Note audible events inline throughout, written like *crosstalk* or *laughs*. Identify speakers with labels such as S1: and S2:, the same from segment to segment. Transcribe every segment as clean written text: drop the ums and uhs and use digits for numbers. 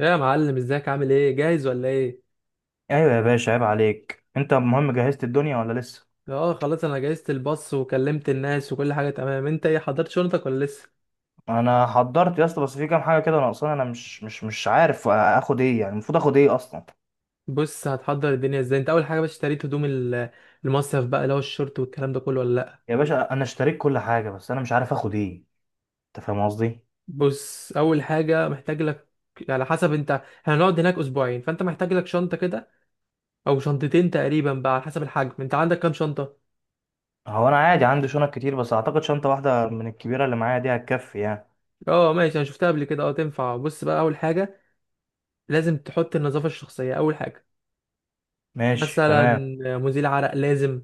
S1: يا معلم ازيك عامل ايه؟ جاهز ولا ايه؟
S2: ايوه يا باشا، عيب عليك. انت المهم جهزت الدنيا ولا لسه؟
S1: اه خلاص، انا جهزت الباص وكلمت الناس وكل حاجه تمام. انت ايه، حضرت شنطتك ولا لسه؟
S2: انا حضرت يا اسطى، بس في كام حاجه كده ناقصاني. انا مش عارف اخد ايه، يعني المفروض اخد ايه اصلا؟
S1: بص هتحضر الدنيا ازاي. انت اول حاجه، بس اشتريت هدوم المصيف بقى، اللي هو الشورت والكلام ده كله ولا لا؟
S2: يا باشا انا اشتريت كل حاجه، بس انا مش عارف اخد ايه. انت فاهم قصدي؟
S1: بص اول حاجه محتاج لك، على حسب، انت هنقعد هناك اسبوعين فانت محتاج لك شنطه كده او شنطتين تقريبا بقى على حسب الحجم. انت عندك كام شنطه؟
S2: هو انا عادي عندي شنط كتير، بس اعتقد شنطه واحده من الكبيره اللي معايا دي هتكفي يعني.
S1: اه ماشي، انا شفتها قبل كده، اه تنفع. بص بقى، اول حاجه لازم تحط النظافه الشخصيه اول حاجه،
S2: ماشي
S1: مثلا
S2: تمام.
S1: مزيل عرق لازم.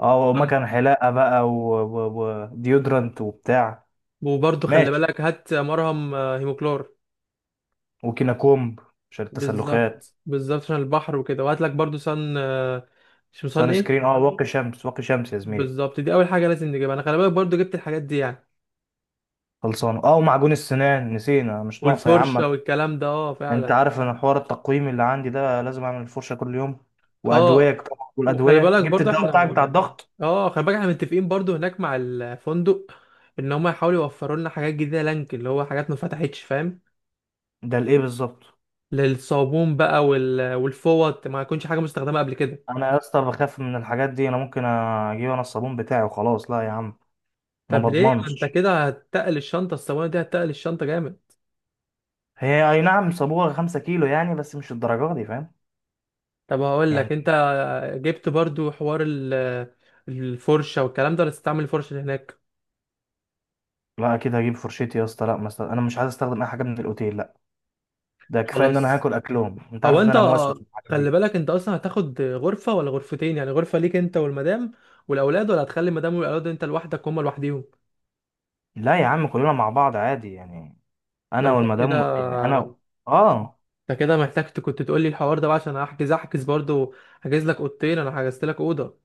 S2: اه، ومكان حلاقه بقى وديودرنت وبتاع.
S1: وبرضه خلي
S2: ماشي.
S1: بالك هات مرهم هيموكلور.
S2: وكينا كومب. عشان التسلخات.
S1: بالظبط بالظبط، عشان البحر وكده. وهات لك برضه صن مش صن
S2: سان
S1: ايه.
S2: سكرين، واقي شمس، واقي شمس يا زميلي.
S1: بالظبط، دي اول حاجه لازم نجيبها. انا خلي بالك برضه جبت الحاجات دي يعني
S2: خلصانه، اه، ومعجون السنان نسينا، مش ناقصه يا عم.
S1: والفرشه والكلام ده، اه
S2: انت
S1: فعلا.
S2: عارف ان حوار التقويم اللي عندي ده لازم اعمل الفرشه كل يوم. وادويه
S1: اه،
S2: طبعا،
S1: وخلي
S2: والادويه
S1: بالك
S2: جبت
S1: برضه
S2: الدواء
S1: احنا،
S2: بتاعك بتاع الضغط.
S1: اه خلي بالك احنا متفقين برضه هناك مع الفندق ان هم يحاولوا يوفروا لنا حاجات جديده، لانك اللي هو حاجات ما فتحتش، فاهم؟
S2: ده لايه بالظبط؟
S1: للصابون بقى والفوط، ما يكونش حاجه مستخدمه قبل كده.
S2: انا يا اسطى بخاف من الحاجات دي، انا ممكن اجيب انا الصابون بتاعي وخلاص. لا يا عم. ما
S1: طب ليه، ما انت
S2: بضمنش.
S1: كده هتتقل الشنطه، الصواني دي هتتقل الشنطه جامد.
S2: هي اي نعم، صابوها 5 كيلو يعني، بس مش الدرجه دي، فاهم؟
S1: طب هقول لك انت،
S2: يعني.
S1: جبت برضو حوار الفرشه والكلام ده ولا تستعمل الفرشه اللي هناك؟
S2: لا، اكيد هجيب فرشتي يا اسطى. لا، مثلا انا مش عايز استخدم اي حاجه من الاوتيل، لا. ده كفايه ان انا
S1: خلاص.
S2: هاكل اكلهم، انت
S1: هو
S2: عارف ان
S1: انت
S2: انا موسوس في الحاجات
S1: خلي
S2: دي.
S1: بالك انت اصلا هتاخد غرفه ولا غرفتين؟ يعني غرفه ليك انت والمدام والاولاد، ولا هتخلي المدام والاولاد انت لوحدك هما لوحديهم؟
S2: لا يا عم، كلنا مع بعض عادي يعني.
S1: ده
S2: انا
S1: انت كده،
S2: والمدام يعني، انا. اه.
S1: انت كده محتاج كنت تقول لي الحوار ده بقى عشان احجز، احجز برضو. هحجز لك اوضتين، انا حجزت لك اوضه.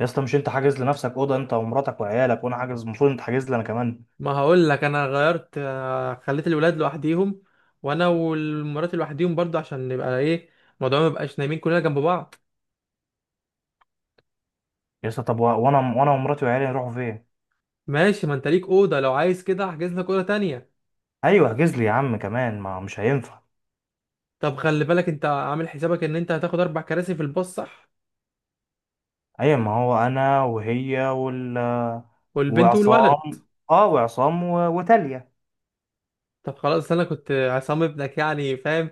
S2: يا اسطى، مش انت حاجز لنفسك اوضه انت ومراتك وعيالك؟ وانا حاجز، المفروض انت حاجز لي انا كمان.
S1: ما هقول لك انا غيرت خليت الولاد لوحديهم وانا والمرات لوحديهم برضه، عشان نبقى ايه، الموضوع ما يبقاش نايمين كلنا جنب بعض.
S2: يا اسطى طب وانا ومراتي وعيالي نروحوا فين؟
S1: ماشي، ما انت ليك اوضه. لو عايز كده احجز لك اوضه تانية.
S2: ايوه احجز لي يا عم كمان، ما مش هينفع.
S1: طب خلي بالك انت عامل حسابك ان انت هتاخد اربع كراسي في الباص، صح؟
S2: ايوه ما هو انا وهي وال.
S1: والبنت والولد.
S2: وعصام وتالية.
S1: طب خلاص، انا كنت عصام ابنك يعني، فاهم؟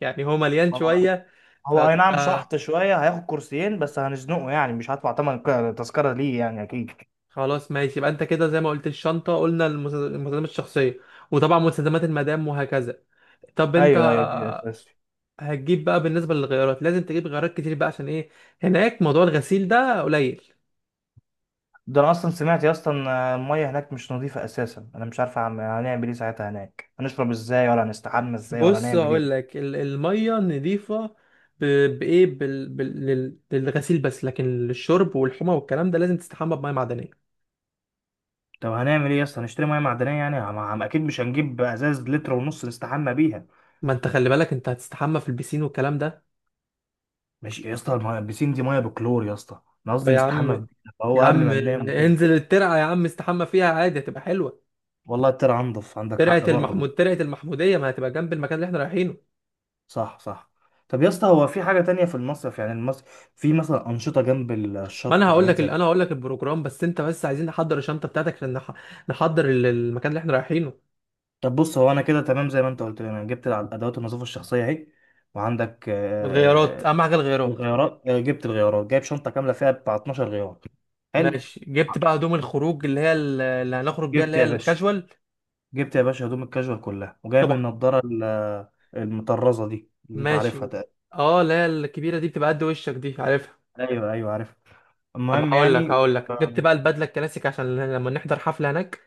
S1: يعني هو مليان
S2: هو.
S1: شويه
S2: هو اي
S1: فكنت
S2: نعم، شحط شويه هياخد 2 كرسي بس هنزنقه يعني، مش هدفع تمن تذكره ليه يعني اكيد.
S1: خلاص ماشي. يبقى انت كده زي ما قلت الشنطه، قلنا المستلزمات الشخصيه وطبعا مستلزمات المدام وهكذا. طب انت
S2: ايوه ايوه دي اساس.
S1: هتجيب بقى بالنسبة للغيارات، لازم تجيب غيارات كتير بقى، عشان ايه، هناك موضوع الغسيل ده قليل.
S2: ده انا اصلا سمعت يا اسطى ان الميه هناك مش نظيفه اساسا. انا مش عارف هنعمل ايه ساعتها هناك، هنشرب ازاي ولا هنستحمى ازاي ولا
S1: بص
S2: هنعمل
S1: هقول
S2: ايه؟
S1: لك، المية نضيفة، ب- بإيه بال... بال... لل- للغسيل بس، لكن للشرب والحمى والكلام ده لازم تستحمى بمية معدنية.
S2: طب هنعمل ايه يا اسطى؟ هنشتري ميه معدنيه يعني، عم اكيد مش هنجيب ازاز لتر ونص نستحمى بيها.
S1: ما انت خلي بالك انت هتستحمى في البسين والكلام ده.
S2: ماشي يا اسطى، الميه البسين دي ميه بكلور يا اسطى، انا
S1: طب
S2: قصدي
S1: يا عم،
S2: نستحمى في بيتنا، فهو
S1: يا
S2: قبل
S1: عم،
S2: ما ننام وكده.
S1: انزل الترعة يا عم، استحمى فيها عادي، هتبقى حلوة.
S2: والله طلع انضف، عندك
S1: ترعة
S2: حق برضه.
S1: ترعة المحمودية، ما هتبقى جنب المكان اللي احنا رايحينه.
S2: صح صح. طب يا اسطى، هو في حاجه تانية في المصيف يعني؟ المصيف في مثلا انشطه جنب
S1: ما انا
S2: الشط
S1: هقول
S2: وحاجات
S1: لك ال-
S2: زي.
S1: انا هقول لك البروجرام، بس انت، بس عايزين نحضر الشنطه بتاعتك عشان نحضر المكان اللي احنا رايحينه.
S2: طب بص، هو انا كده تمام زي ما انت قلت لي، انا جبت ادوات النظافه الشخصيه اهي. وعندك
S1: الغيارات اهم حاجه، الغيارات.
S2: الغيارات، جبت الغيارات جايب شنطه كامله فيها بتاع 12 غيار. حلو.
S1: ماشي جبت بقى هدوم الخروج، اللي هنخرج بيها،
S2: جبت
S1: اللي هي
S2: يا باشا.
S1: الكاجوال.
S2: جبت يا باشا هدوم الكاجوال كلها، وجايب
S1: طبعا.
S2: النضاره المطرزه دي اللي انت عارفها
S1: ماشي.
S2: تقريبا.
S1: اه اللي هي الكبيره دي، بتبقى قد وشك، دي عارفها.
S2: ايوه ايوه عارف.
S1: طب
S2: المهم
S1: هقول لك
S2: يعني.
S1: هقول لك جبت
S2: آه،
S1: بقى البدله الكلاسيك، عشان لما نحضر حفله هناك.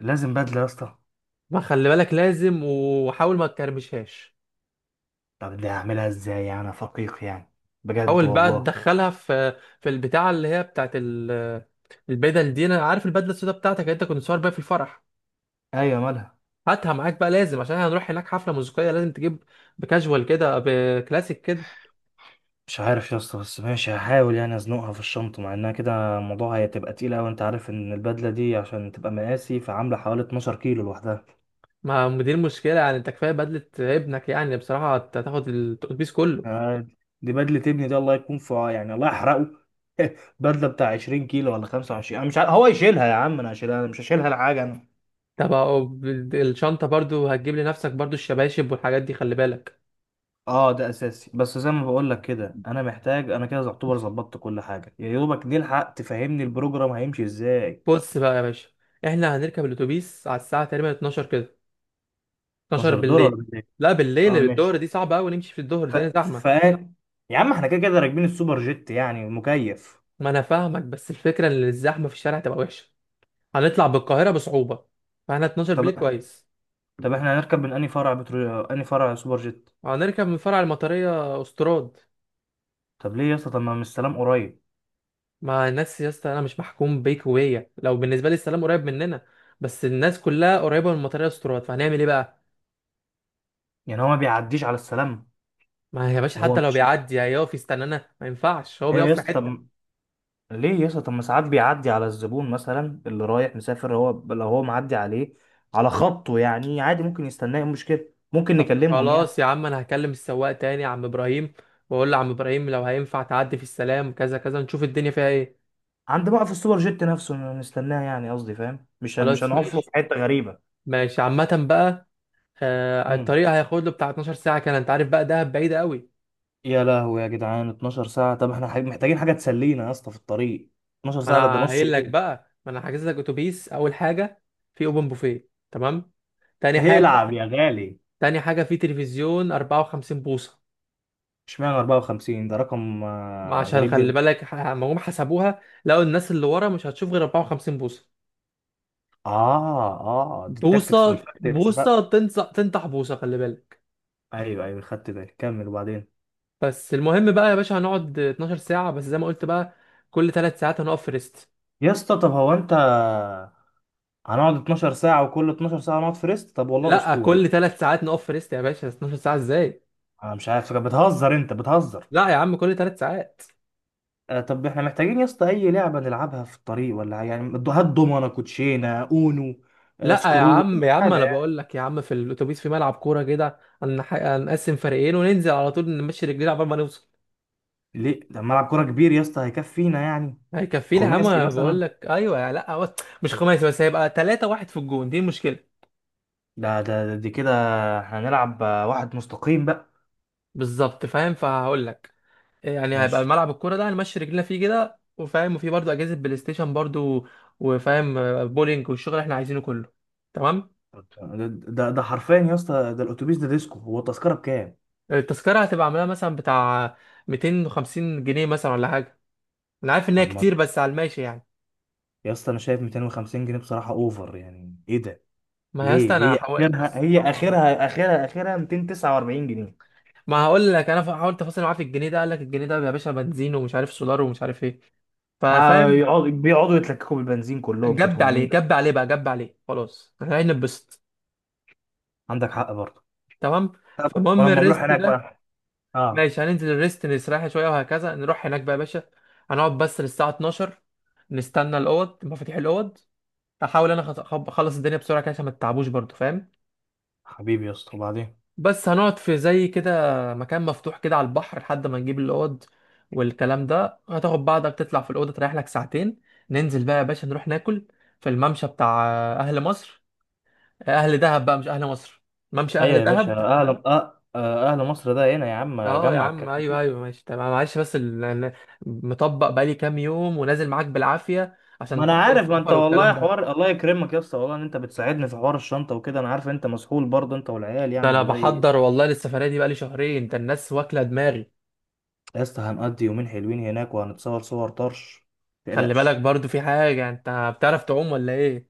S2: لازم بدله يا اسطى.
S1: ما خلي بالك لازم، وحاول ما تكرمشهاش.
S2: طب دي هعملها ازاي يعني، أنا فقيق يعني، بجد
S1: حاول بقى
S2: والله.
S1: تدخلها في البتاعه اللي هي بتاعت البدل دي. انا عارف البدله السوداء بتاعتك اللي انت كنت صور بيها في الفرح،
S2: ايوه مالها.
S1: هاتها معاك بقى لازم، عشان هنروح هناك حفله موسيقيه لازم تجيب بكاجوال كده، بكلاسيك كده.
S2: مش عارف يا اسطى، بس ماشي هحاول يعني ازنقها في الشنطة، مع انها كده الموضوع هتبقى تقيلة، وانت عارف ان البدلة دي عشان تبقى مقاسي فعاملة حوالي 12 كيلو لوحدها.
S1: ما دي المشكله يعني، انت كفايه بدله ابنك، يعني بصراحه هتاخد الاتوبيس كله.
S2: آه، دي بدلة ابني دي، الله يكون في يعني الله يحرقه. *laughs* بدلة بتاع 20 كيلو ولا 25، انا مش عارف. هو يشيلها يا عم؟ انا هشيلها، انا مش هشيلها لحاجة انا.
S1: طب أهو، الشنطه برضو هتجيب لنفسك برضو الشباشب والحاجات دي، خلي بالك.
S2: اه ده اساسي، بس زي ما بقول لك كده انا محتاج، انا كده يعتبر ظبطت كل حاجة، يا دوبك نلحق. تفهمني البروجرام هيمشي ازاي؟
S1: بص بقى يا باشا، احنا هنركب الاتوبيس على الساعه تقريبا 12 كده، 12
S2: 12 دولار
S1: بالليل.
S2: ولا ايه؟
S1: لا بالليل،
S2: اه
S1: الظهر
S2: ماشي.
S1: دي صعبة قوي نمشي في الظهر
S2: ف...
S1: دي،
S2: ف...
S1: زحمة.
S2: يا عم احنا كده كده راكبين السوبر جيت يعني مكيف.
S1: ما انا فاهمك، بس الفكرة ان الزحمة في الشارع تبقى وحشة، هنطلع بالقاهرة بصعوبة، فاحنا 12 بالليل
S2: طب.
S1: كويس.
S2: طب احنا هنركب من انهي فرع انهي فرع سوبر جيت؟
S1: هنركب من فرع المطرية استراد.
S2: طب ليه يا اسطى؟ طب ما من السلام قريب.
S1: مع الناس يا اسطى، انا مش محكوم بيكوية، لو بالنسبة لي السلام قريب مننا بس الناس كلها قريبة من المطرية استراد، فهنعمل ايه بقى.
S2: يعني هو ما بيعديش على السلام؟
S1: ما يا باشا،
S2: هو
S1: حتى لو
S2: ماشي.
S1: بيعدي هيقف يستنانا، ما ينفعش، هو
S2: ايوه
S1: بيقف
S2: يا
S1: في
S2: اسطى
S1: حتة.
S2: طب. ليه يا اسطى؟ طب ما ساعات بيعدي على الزبون مثلا اللي رايح مسافر، هو لو هو معدي عليه على خطه يعني عادي ممكن يستناه، إيه المشكله؟ ممكن
S1: طب
S2: نكلمهم يعني.
S1: خلاص يا عم، انا هكلم السواق تاني يا عم ابراهيم، واقول له عم ابراهيم لو هينفع تعدي في السلام كذا كذا، نشوف الدنيا فيها ايه.
S2: عند موقف السوبر جيت نفسه نستناه يعني قصدي، فاهم؟ مش
S1: خلاص
S2: هنقف له في
S1: ماشي.
S2: حته غريبه.
S1: ماشي عامة بقى، آه
S2: مم.
S1: الطريق هياخد له بتاع 12 ساعة كان، انت عارف بقى، دهب بعيدة قوي.
S2: يا لهوي يا جدعان، 12 ساعة؟ طب احنا محتاجين حاجة تسلينا يا اسطى في الطريق، 12
S1: ما
S2: ساعة، ده
S1: انا
S2: نص
S1: قايل لك
S2: يوم.
S1: بقى، ما انا حاجز لك اتوبيس، اول حاجة في اوبن بوفيه، تمام. تاني
S2: ايه،
S1: حاجة،
S2: العب يا غالي.
S1: تاني حاجة، في تلفزيون 54 بوصة.
S2: اشمعنى 54؟ ده رقم
S1: ما عشان
S2: غريب
S1: خلي
S2: جدا.
S1: بالك، ما هم حسبوها لقوا الناس اللي ورا مش هتشوف غير 54 بوصة.
S2: اه اه، دي التاكتكس
S1: بوصة
S2: والفاكتكس
S1: بوصة
S2: بقى.
S1: تنصح تنطح بوصة، خلي بالك.
S2: ايوه ايوه خدت بالي، كمل وبعدين.
S1: بس المهم بقى يا باشا، هنقعد 12 ساعة بس زي ما قلت بقى، كل ثلاث ساعات هنقف في ريست.
S2: يا اسطى طب هو انت. هنقعد 12 ساعة وكل 12 ساعة نقعد في ريست؟ طب والله
S1: لا
S2: اسطوري.
S1: كل ثلاث ساعات نقف في ريست يا باشا، 12 ساعة ازاي؟
S2: انا مش عارف، بتهزر انت، بتهزر.
S1: لا يا عم، كل ثلاث ساعات.
S2: آه، طب احنا محتاجين يا اسطى اي لعبة نلعبها في الطريق، ولا يعني هات دومنة كوتشينة اونو.
S1: لا يا
S2: سكرو اي
S1: عم يا عم انا
S2: حاجة.
S1: بقول لك يا عم، في الاتوبيس في ملعب كورة كده، هنقسم فريقين وننزل على طول نمشي رجلينا عبال ما نوصل.
S2: ليه؟ ده ملعب كوره كبير يا اسطى، هيكفينا يعني؟
S1: هيكفينا يا عم،
S2: خماسي
S1: انا بقول
S2: مثلا.
S1: لك ايوه. لا هو مش خماسي بس، هيبقى ثلاثة واحد في الجون، دي المشكلة.
S2: دي كده. احنا هنلعب واحد مستقيم بقى.
S1: بالظبط، فاهم، فهقول لك، يعني هيبقى
S2: ماشي.
S1: ملعب الكوره ده هنمشي رجلينا فيه كده، وفاهم، وفي برضه اجهزه بلاي ستيشن برضه، وفاهم بولينج والشغل اللي احنا عايزينه كله، تمام.
S2: ده حرفيا يا اسطى، ده الاتوبيس ده ديسكو. هو التذكره بكام؟
S1: التذكره هتبقى عاملاها مثلا بتاع 250 جنيه مثلا، ولا حاجه. انا عارف ان هي
S2: طب ما.
S1: كتير بس على الماشي يعني.
S2: يا اسطى انا شايف 250 جنيه بصراحه اوفر، يعني ايه ده؟
S1: ما يا اسطى،
S2: ليه؟
S1: انا
S2: هي
S1: هحاول،
S2: اخرها
S1: بص
S2: هي
S1: طبعا.
S2: اخرها اخرها اخرها 249 جنيه.
S1: ما هقول لك انا حاولت افاصل معاه في الجنيه ده، قال لك الجنيه ده يا باشا بنزين، ومش عارف سولار، ومش عارف ايه، ففاهم.
S2: بيقعدوا يتلككوا بالبنزين، كلهم كانت
S1: جب
S2: هم
S1: عليه،
S2: نيله.
S1: جب عليه بقى، جب عليه، خلاص احنا هنتبسط،
S2: عندك حق برضه.
S1: تمام.
S2: طب.
S1: فالمهم
S2: ولما نروح
S1: الريست
S2: هناك
S1: ده،
S2: بقى. اه.
S1: ماشي هننزل الريست نستريح شويه وهكذا، نروح هناك بقى يا باشا، هنقعد بس للساعه 12، نستنى الاوض، مفاتيح الاوض. هحاول انا اخلص الدنيا بسرعه كده، عشان ما تتعبوش برضو، فاهم.
S2: حبيبي يا اسطى، وبعدين.
S1: بس هنقعد في زي كده مكان مفتوح كده على البحر، لحد ما نجيب الاوض والكلام ده. هتاخد بعضك تطلع في الاوضه تريح لك ساعتين، ننزل بقى يا باشا نروح ناكل في الممشى بتاع اهل مصر، اهل دهب بقى مش اهل مصر، ممشى
S2: ايوه
S1: اهل
S2: يا باشا،
S1: دهب.
S2: اهل أه... آه، اهل مصر ده هنا. يا عم
S1: اه يا
S2: اجمع
S1: عم
S2: الكلام
S1: ايوه
S2: كده.
S1: ايوه ماشي تمام، معلش بس مطبق بقالي كام يوم ونازل معاك بالعافيه،
S2: ما
S1: عشان
S2: انا
S1: تحضير
S2: عارف، ما انت
S1: السفر والكلام
S2: والله
S1: ده.
S2: حوار الله يكرمك يا اسطى، والله ان انت بتساعدني في حوار الشنطه وكده. انا عارف انت مسحول برضه، انت والعيال
S1: ده
S2: يعني،
S1: انا
S2: والله
S1: بحضر والله للسفريه دي بقالي شهرين، انت الناس واكله دماغي.
S2: يا اسطى هنقضي يومين حلوين هناك، وهنتصور صور طرش. ما
S1: خلي بالك
S2: تقلقش.
S1: برضو، في حاجه، انت بتعرف تعوم ولا ايه؟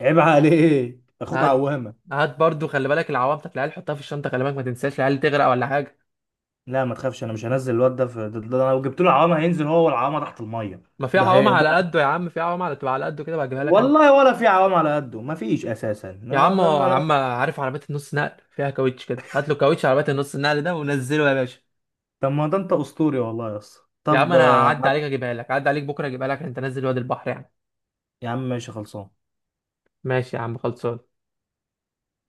S2: عيب عليك، اخوك
S1: هات
S2: عوامه.
S1: هات برضو، خلي بالك العوام بتاعت العيال حطها في الشنطه، خلي بالك ما تنساش العيال تغرق ولا حاجه.
S2: لا ما تخافش، انا مش هنزل الواد ده في ده. أنا لو جبت له عوامه هينزل هو والعوامه تحت الميه.
S1: ما في
S2: ده
S1: عوام
S2: هي ده-
S1: على قده يا عم، في عوام على تبقى على قده كده، بجيبها لك انا.
S2: والله ولا في عوام على قده، ما فيش اساسا.
S1: يا عم يا عم عارف عربيه النص نقل فيها كاوتش كده، هات له كاوتش عربيه النص النقل ده ونزله يا باشا.
S2: طب ما ده انت اسطوري والله يا اسطى.
S1: يا عم
S2: طب،
S1: انا هعدي عليك اجيبها لك، هعدي عليك بكره اجيبها لك، انت نازل وادي البحر يعني.
S2: يا عم ماشي خلصان.
S1: ماشي يا عم خلصان.